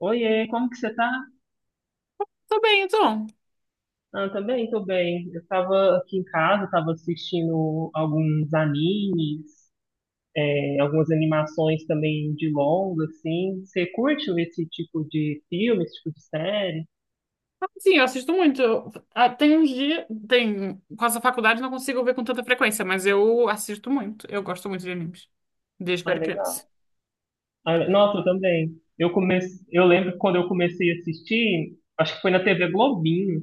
Oiê, como que você tá? Tô bem, então. Ah, também, tô bem. Eu tava aqui em casa, tava assistindo alguns animes, é, algumas animações também de longa, assim. Você curte esse tipo de filme, esse tipo de série? Sim, eu assisto muito. Tem uns dias, tem, com essa faculdade não consigo ver com tanta frequência, mas eu assisto muito. Eu gosto muito de animes, desde que eu Ah, era criança. legal. Ah, nossa, eu também. Eu comecei, eu lembro que quando eu comecei a assistir, acho que foi na TV Globinho,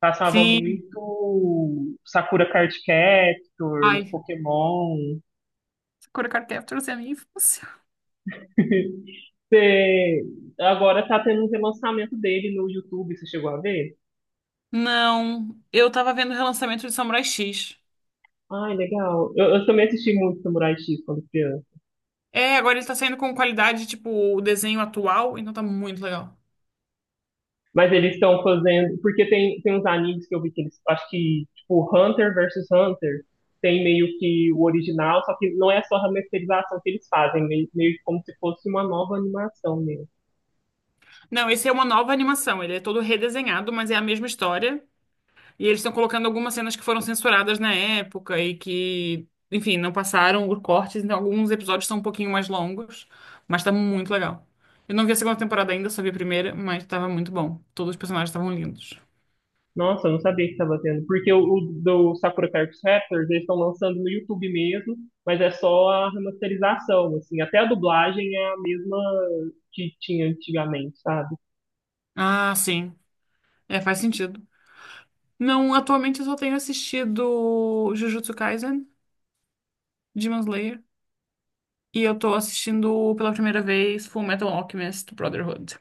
passava Sim, muito Sakura Card Captors, ai, Pokémon. Sakura Card Captors é a minha infância. Você, agora tá tendo um relançamento dele no YouTube, você chegou a ver? Não, eu tava vendo o relançamento de Samurai X. Ai, legal. Eu também assisti muito Samurai X quando criança. É, agora ele tá saindo com qualidade, tipo, o desenho atual, então tá muito legal. Mas eles estão fazendo. Porque tem, uns animes que eu vi que eles. Acho que, tipo, Hunter versus Hunter tem meio que o original, só que não é só a remasterização que eles fazem, meio como se fosse uma nova animação mesmo. Não, esse é uma nova animação, ele é todo redesenhado, mas é a mesma história. E eles estão colocando algumas cenas que foram censuradas na época e que, enfim, não passaram por cortes, então alguns episódios são um pouquinho mais longos, mas tá muito legal. Eu não vi a segunda temporada ainda, só vi a primeira, mas tava muito bom. Todos os personagens estavam lindos. Nossa, eu não sabia que estava tendo. Porque o do Sakura Card Captors, eles estão lançando no YouTube mesmo, mas é só a remasterização, assim. Até a dublagem é a mesma que tinha antigamente, sabe? Ah, sim. É, faz sentido. Não, atualmente eu só tenho assistido Jujutsu Kaisen, Demon Slayer, e eu tô assistindo pela primeira vez Fullmetal Alchemist Brotherhood.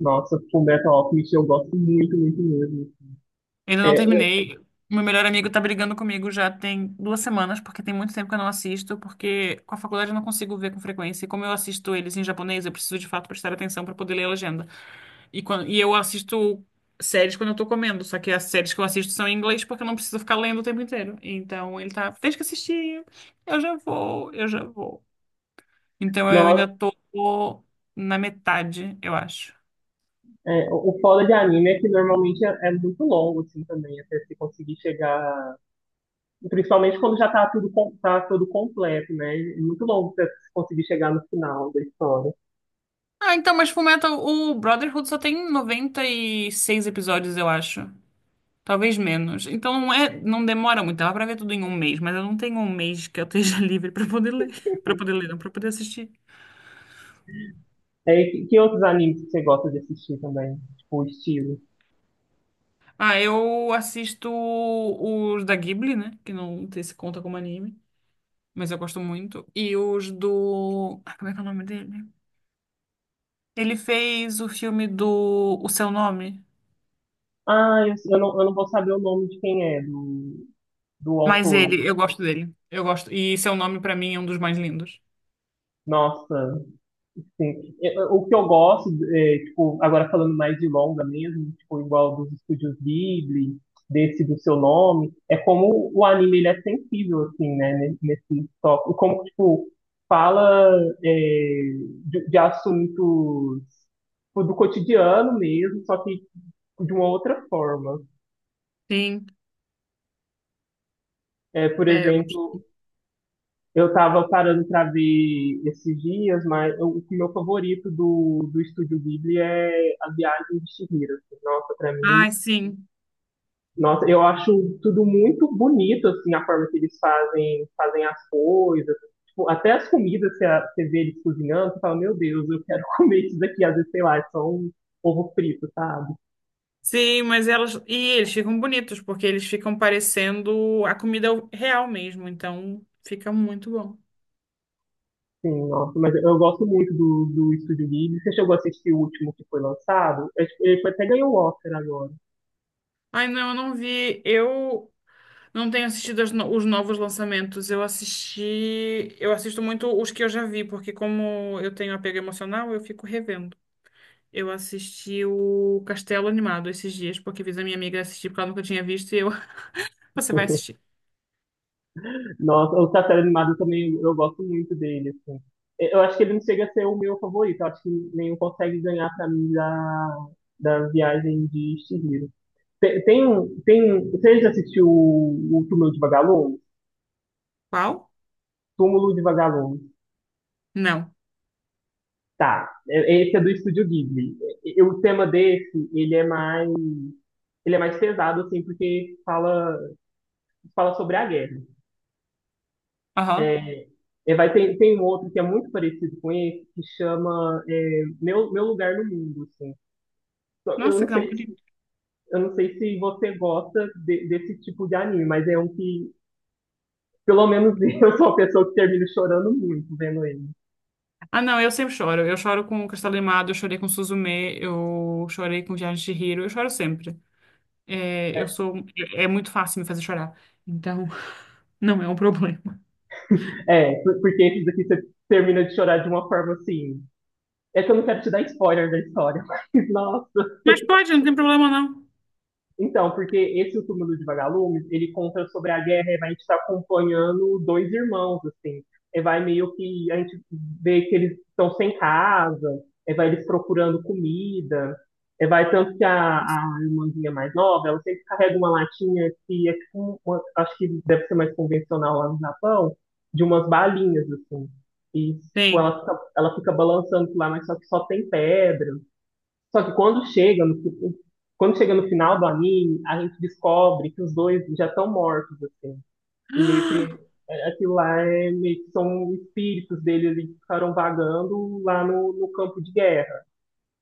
Nossa, Fullmetal Alchemist eu gosto muito, muito mesmo. Ainda não É, eu, terminei. Meu melhor amigo tá brigando comigo já tem 2 semanas, porque tem muito tempo que eu não assisto, porque com a faculdade eu não consigo ver com frequência. E como eu assisto eles em japonês, eu preciso de fato prestar atenção pra poder ler a legenda. E, quando, e eu assisto séries quando eu tô comendo, só que as séries que eu assisto são em inglês porque eu não preciso ficar lendo o tempo inteiro. Então ele tá, deixa que assistir, eu já vou, eu já vou. Então eu ainda nossa, tô na metade, eu acho. O foda de anime é que normalmente é muito longo, assim, também, até se conseguir chegar. Principalmente quando já tá tudo, tá tudo completo, né? É muito longo até você conseguir chegar no final da história. Ah, então, mas Fullmetal, o Brotherhood só tem 96 episódios, eu acho. Talvez menos. Então não é, não demora muito. Dá pra ver tudo em 1 mês, mas eu não tenho 1 mês que eu esteja livre pra poder ler. Pra poder ler, não, para poder assistir. É, que outros animes que você gosta de assistir também? Tipo, o estilo. Ah, eu assisto os da Ghibli, né? Que não sei se conta como anime, mas eu gosto muito. E os do. Ah, como é que é o nome dele? Ele fez o filme do O Seu Nome. Ah, eu não vou saber o nome de quem é, do Mas autor. ele, eu gosto dele. Eu gosto. E Seu Nome, pra mim, é um dos mais lindos. Nossa, sim. O que eu gosto, é, tipo, agora falando mais de longa mesmo, tipo, igual dos estúdios Ghibli, desse do seu nome, é como o anime ele é sensível, assim, né, nesse tópico. Como, tipo, fala é, de assuntos tipo, do cotidiano mesmo, só que de uma outra forma. Sim, É, por é, eu exemplo, gosto. eu tava parando pra ver esses dias, o meu favorito do Estúdio Ghibli é A Viagem de Chihiro, assim. Nossa, pra mim, Ai, sim. nossa, eu acho tudo muito bonito, assim, a forma que eles fazem, fazem as coisas. Tipo, até as comidas, você vê eles cozinhando, você fala, meu Deus, eu quero comer isso daqui. Às vezes, sei lá, é só um ovo frito, sabe? Sim, mas elas. E eles ficam bonitos, porque eles ficam parecendo a comida real mesmo. Então fica muito bom. Sim, nossa, mas eu gosto muito do Estúdio Ghibli. Você chegou a assistir o último que foi lançado? Ele até ganhou o Oscar agora. Ai, não, eu não vi. Eu. Não tenho assistido as os novos lançamentos. Eu assisti. Eu assisto muito os que eu já vi, porque como eu tenho apego emocional, eu fico revendo. Eu assisti o Castelo Animado esses dias, porque fiz a minha amiga assistir, porque ela nunca tinha visto, e eu. Você vai assistir. Nossa, o Castelo Animado também eu gosto muito dele, assim. Eu acho que ele não chega a ser o meu favorito. Eu acho que nenhum consegue ganhar pra mim da Viagem de Chihiro. Você já assistiu o Túmulo de Vagalumes? Qual? Túmulo de Vagalumes. Não. Tá. Esse é do Estúdio Ghibli. O tema desse, ele é mais pesado, assim, porque fala sobre a guerra. Aham. É, é, vai, ter tem um outro que é muito parecido com esse, que chama é, Meu Lugar no Mundo, assim. Eu Nossa, não que não. sei se, eu não sei se você gosta desse tipo de anime, mas é um que, pelo menos eu sou uma pessoa que termina chorando muito vendo ele. Ah, não, eu sempre choro. Eu choro com Castelo Animado, eu chorei com Suzume, eu chorei com Viagem de Chihiro, eu choro sempre. É, eu sou, é muito fácil me fazer chorar. Então, não é um problema. É, porque esses aqui você termina de chorar de uma forma assim. É que eu não quero te dar spoiler da história, mas nossa. Mas pode, não tem problema não. Então, porque esse O Túmulo de Vagalumes, ele conta sobre a guerra, e a gente está acompanhando dois irmãos, assim. E vai meio que a gente vê que eles estão sem casa, e vai eles procurando comida, e vai tanto que a irmãzinha mais nova, ela sempre carrega uma latinha que é tipo, acho que deve ser mais convencional lá no Japão, de umas balinhas, assim. E, tipo, Tem. Ela fica balançando por lá, mas só que só tem pedra. Só que quando chega no, quando chega no final do anime, a gente descobre que os dois já estão mortos, assim. E meio que é, aquilo lá é meio que são espíritos deles ali que ficaram vagando lá no campo de guerra.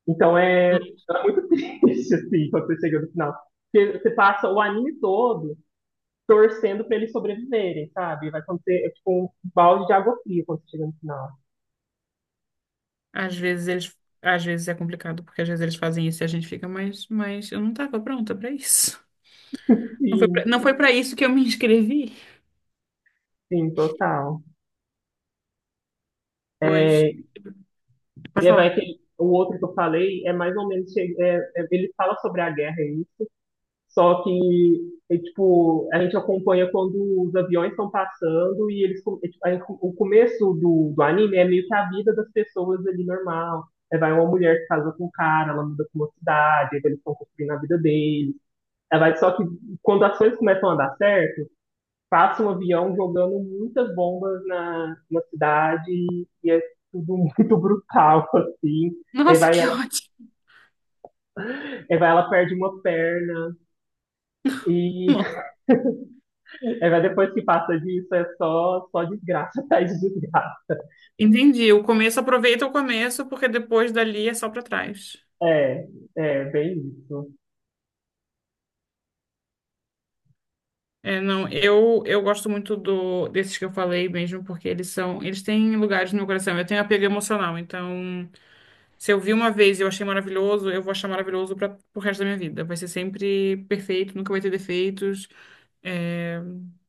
Então é, é muito triste, assim, quando você chega no final. Porque você passa o anime todo torcendo pra eles sobreviverem, sabe? Vai acontecer, é tipo um balde de água fria quando você chega no final. Às vezes eles, às vezes é complicado, porque às vezes eles fazem isso e a gente fica, mas eu não tava pronta pra isso. Não foi pra, Sim, não foi para isso que eu me inscrevi. sim, total. Pois, É, e pode é, falar. vai que o outro que eu falei é mais ou menos. Ele fala sobre a guerra, é isso. Só que, é, tipo, a gente acompanha quando os aviões estão passando e eles. É, tipo, o começo do anime é meio que a vida das pessoas ali normal. É, vai uma mulher que casa com um cara, ela muda para uma cidade, aí eles estão construindo a vida deles. Só que quando as coisas começam a dar certo passa um avião jogando muitas bombas na cidade e é tudo muito brutal, assim. Aí Nossa, vai que ela, ótimo. aí vai ela perde uma perna e aí vai depois que passa disso é só, só desgraça atrás de desgraça. Entendi. O começo, aproveita o começo, porque depois dali é só para trás. É, é bem isso. É, não, eu gosto muito do desses que eu falei mesmo, porque eles são, eles têm lugares no meu coração. Eu tenho apego emocional, então se eu vi uma vez e eu achei maravilhoso, eu vou achar maravilhoso para o resto da minha vida. Vai ser sempre perfeito, nunca vai ter defeitos. É,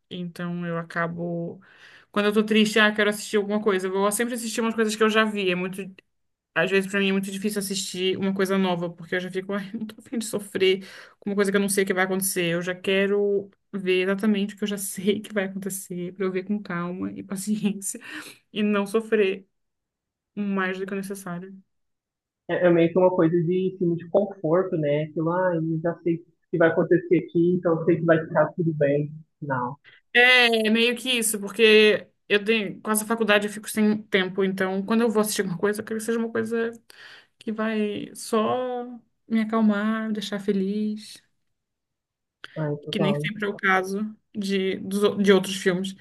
então eu acabo quando eu tô triste, ah, quero assistir alguma coisa. Eu vou sempre assistir umas coisas que eu já vi. É muito. Às vezes, pra mim, é muito difícil assistir uma coisa nova, porque eu já fico, ai, não tô a fim de sofrer com uma coisa que eu não sei o que vai acontecer. Eu já quero ver exatamente o que eu já sei que vai acontecer, pra eu ver com calma e paciência e não sofrer mais do que o necessário. É, é meio que uma coisa de filme de conforto, né? Aquilo, ah, eu já sei o que vai acontecer aqui, então eu sei que vai ficar tudo bem. Não. É, meio que isso, porque eu tenho, quase a faculdade eu fico sem tempo, então quando eu vou assistir alguma coisa, eu quero que seja uma coisa que vai só me acalmar, me deixar feliz, Ai, que nem total. sempre é o caso de outros filmes.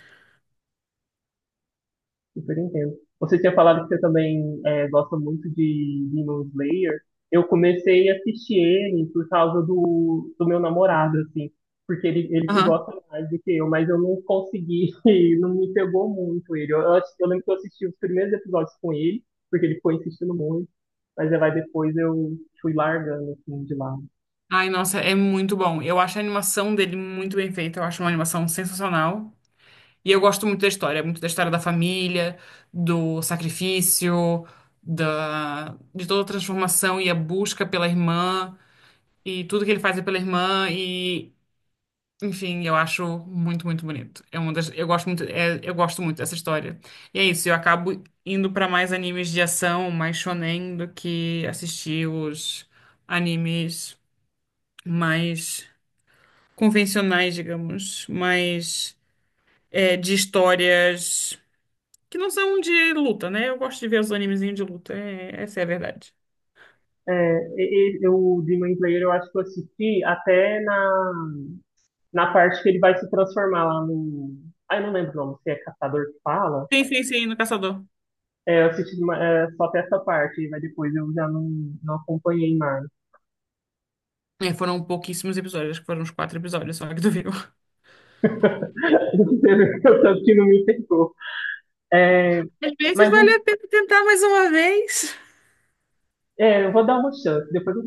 Super entendo. Você tinha falado que você também é, gosta muito de Demon Slayer. Eu comecei a assistir ele por causa do meu namorado, assim, porque ele que Aham. gosta mais do que eu, mas eu não consegui, não me pegou muito ele. Eu lembro que eu assisti os primeiros episódios com ele, porque ele foi insistindo muito, mas aí vai depois eu fui largando, assim, de lado. Ai, nossa, é muito bom. Eu acho a animação dele muito bem feita. Eu acho uma animação sensacional. E eu gosto muito da história da família, do sacrifício, da... de toda a transformação e a busca pela irmã, e tudo que ele faz é pela irmã, e enfim, eu acho muito, muito bonito. É uma das... Eu gosto muito, eu gosto muito dessa história. E é isso, eu acabo indo pra mais animes de ação, mais shonen, do que assistir os animes mais convencionais, digamos, mas é, de histórias que não são de luta, né? Eu gosto de ver os animezinhos de luta, essa é a verdade. É, o Demon Slayer eu acho que eu assisti até na parte que ele vai se transformar lá no. Ah, eu não lembro o nome, se é Caçador que fala. Sim, no Caçador. É, só até essa parte, mas depois eu já não acompanhei mais. É, foram pouquíssimos episódios, acho que foram uns 4 episódios só que tu viu. O tanto que não me pegou. É, Às vezes mas vale a pena tentar mais uma vez. é, eu vou dar uma chance, depois eu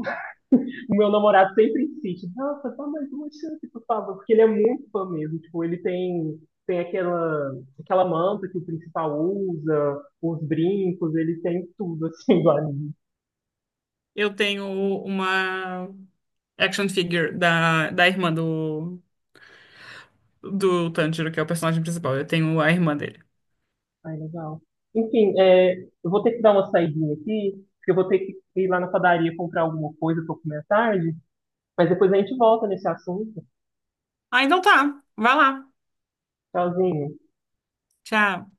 o meu namorado sempre insiste, nossa, dá mais uma chance, por favor, porque ele é muito fã mesmo, tipo, ele tem, tem aquela, aquela manta que o principal usa, os brincos, ele tem tudo, assim, do anime. Eu tenho uma action figure da, da irmã do, do Tanjiro, que é o personagem principal. Eu tenho a irmã dele. Ai, legal. Enfim, é, eu vou ter que dar uma saidinha aqui, porque eu vou ter que ir lá na padaria comprar alguma coisa pra comer à tarde, mas depois a gente volta nesse assunto. Ah, então tá. Vai lá. Tchauzinho. Tchau.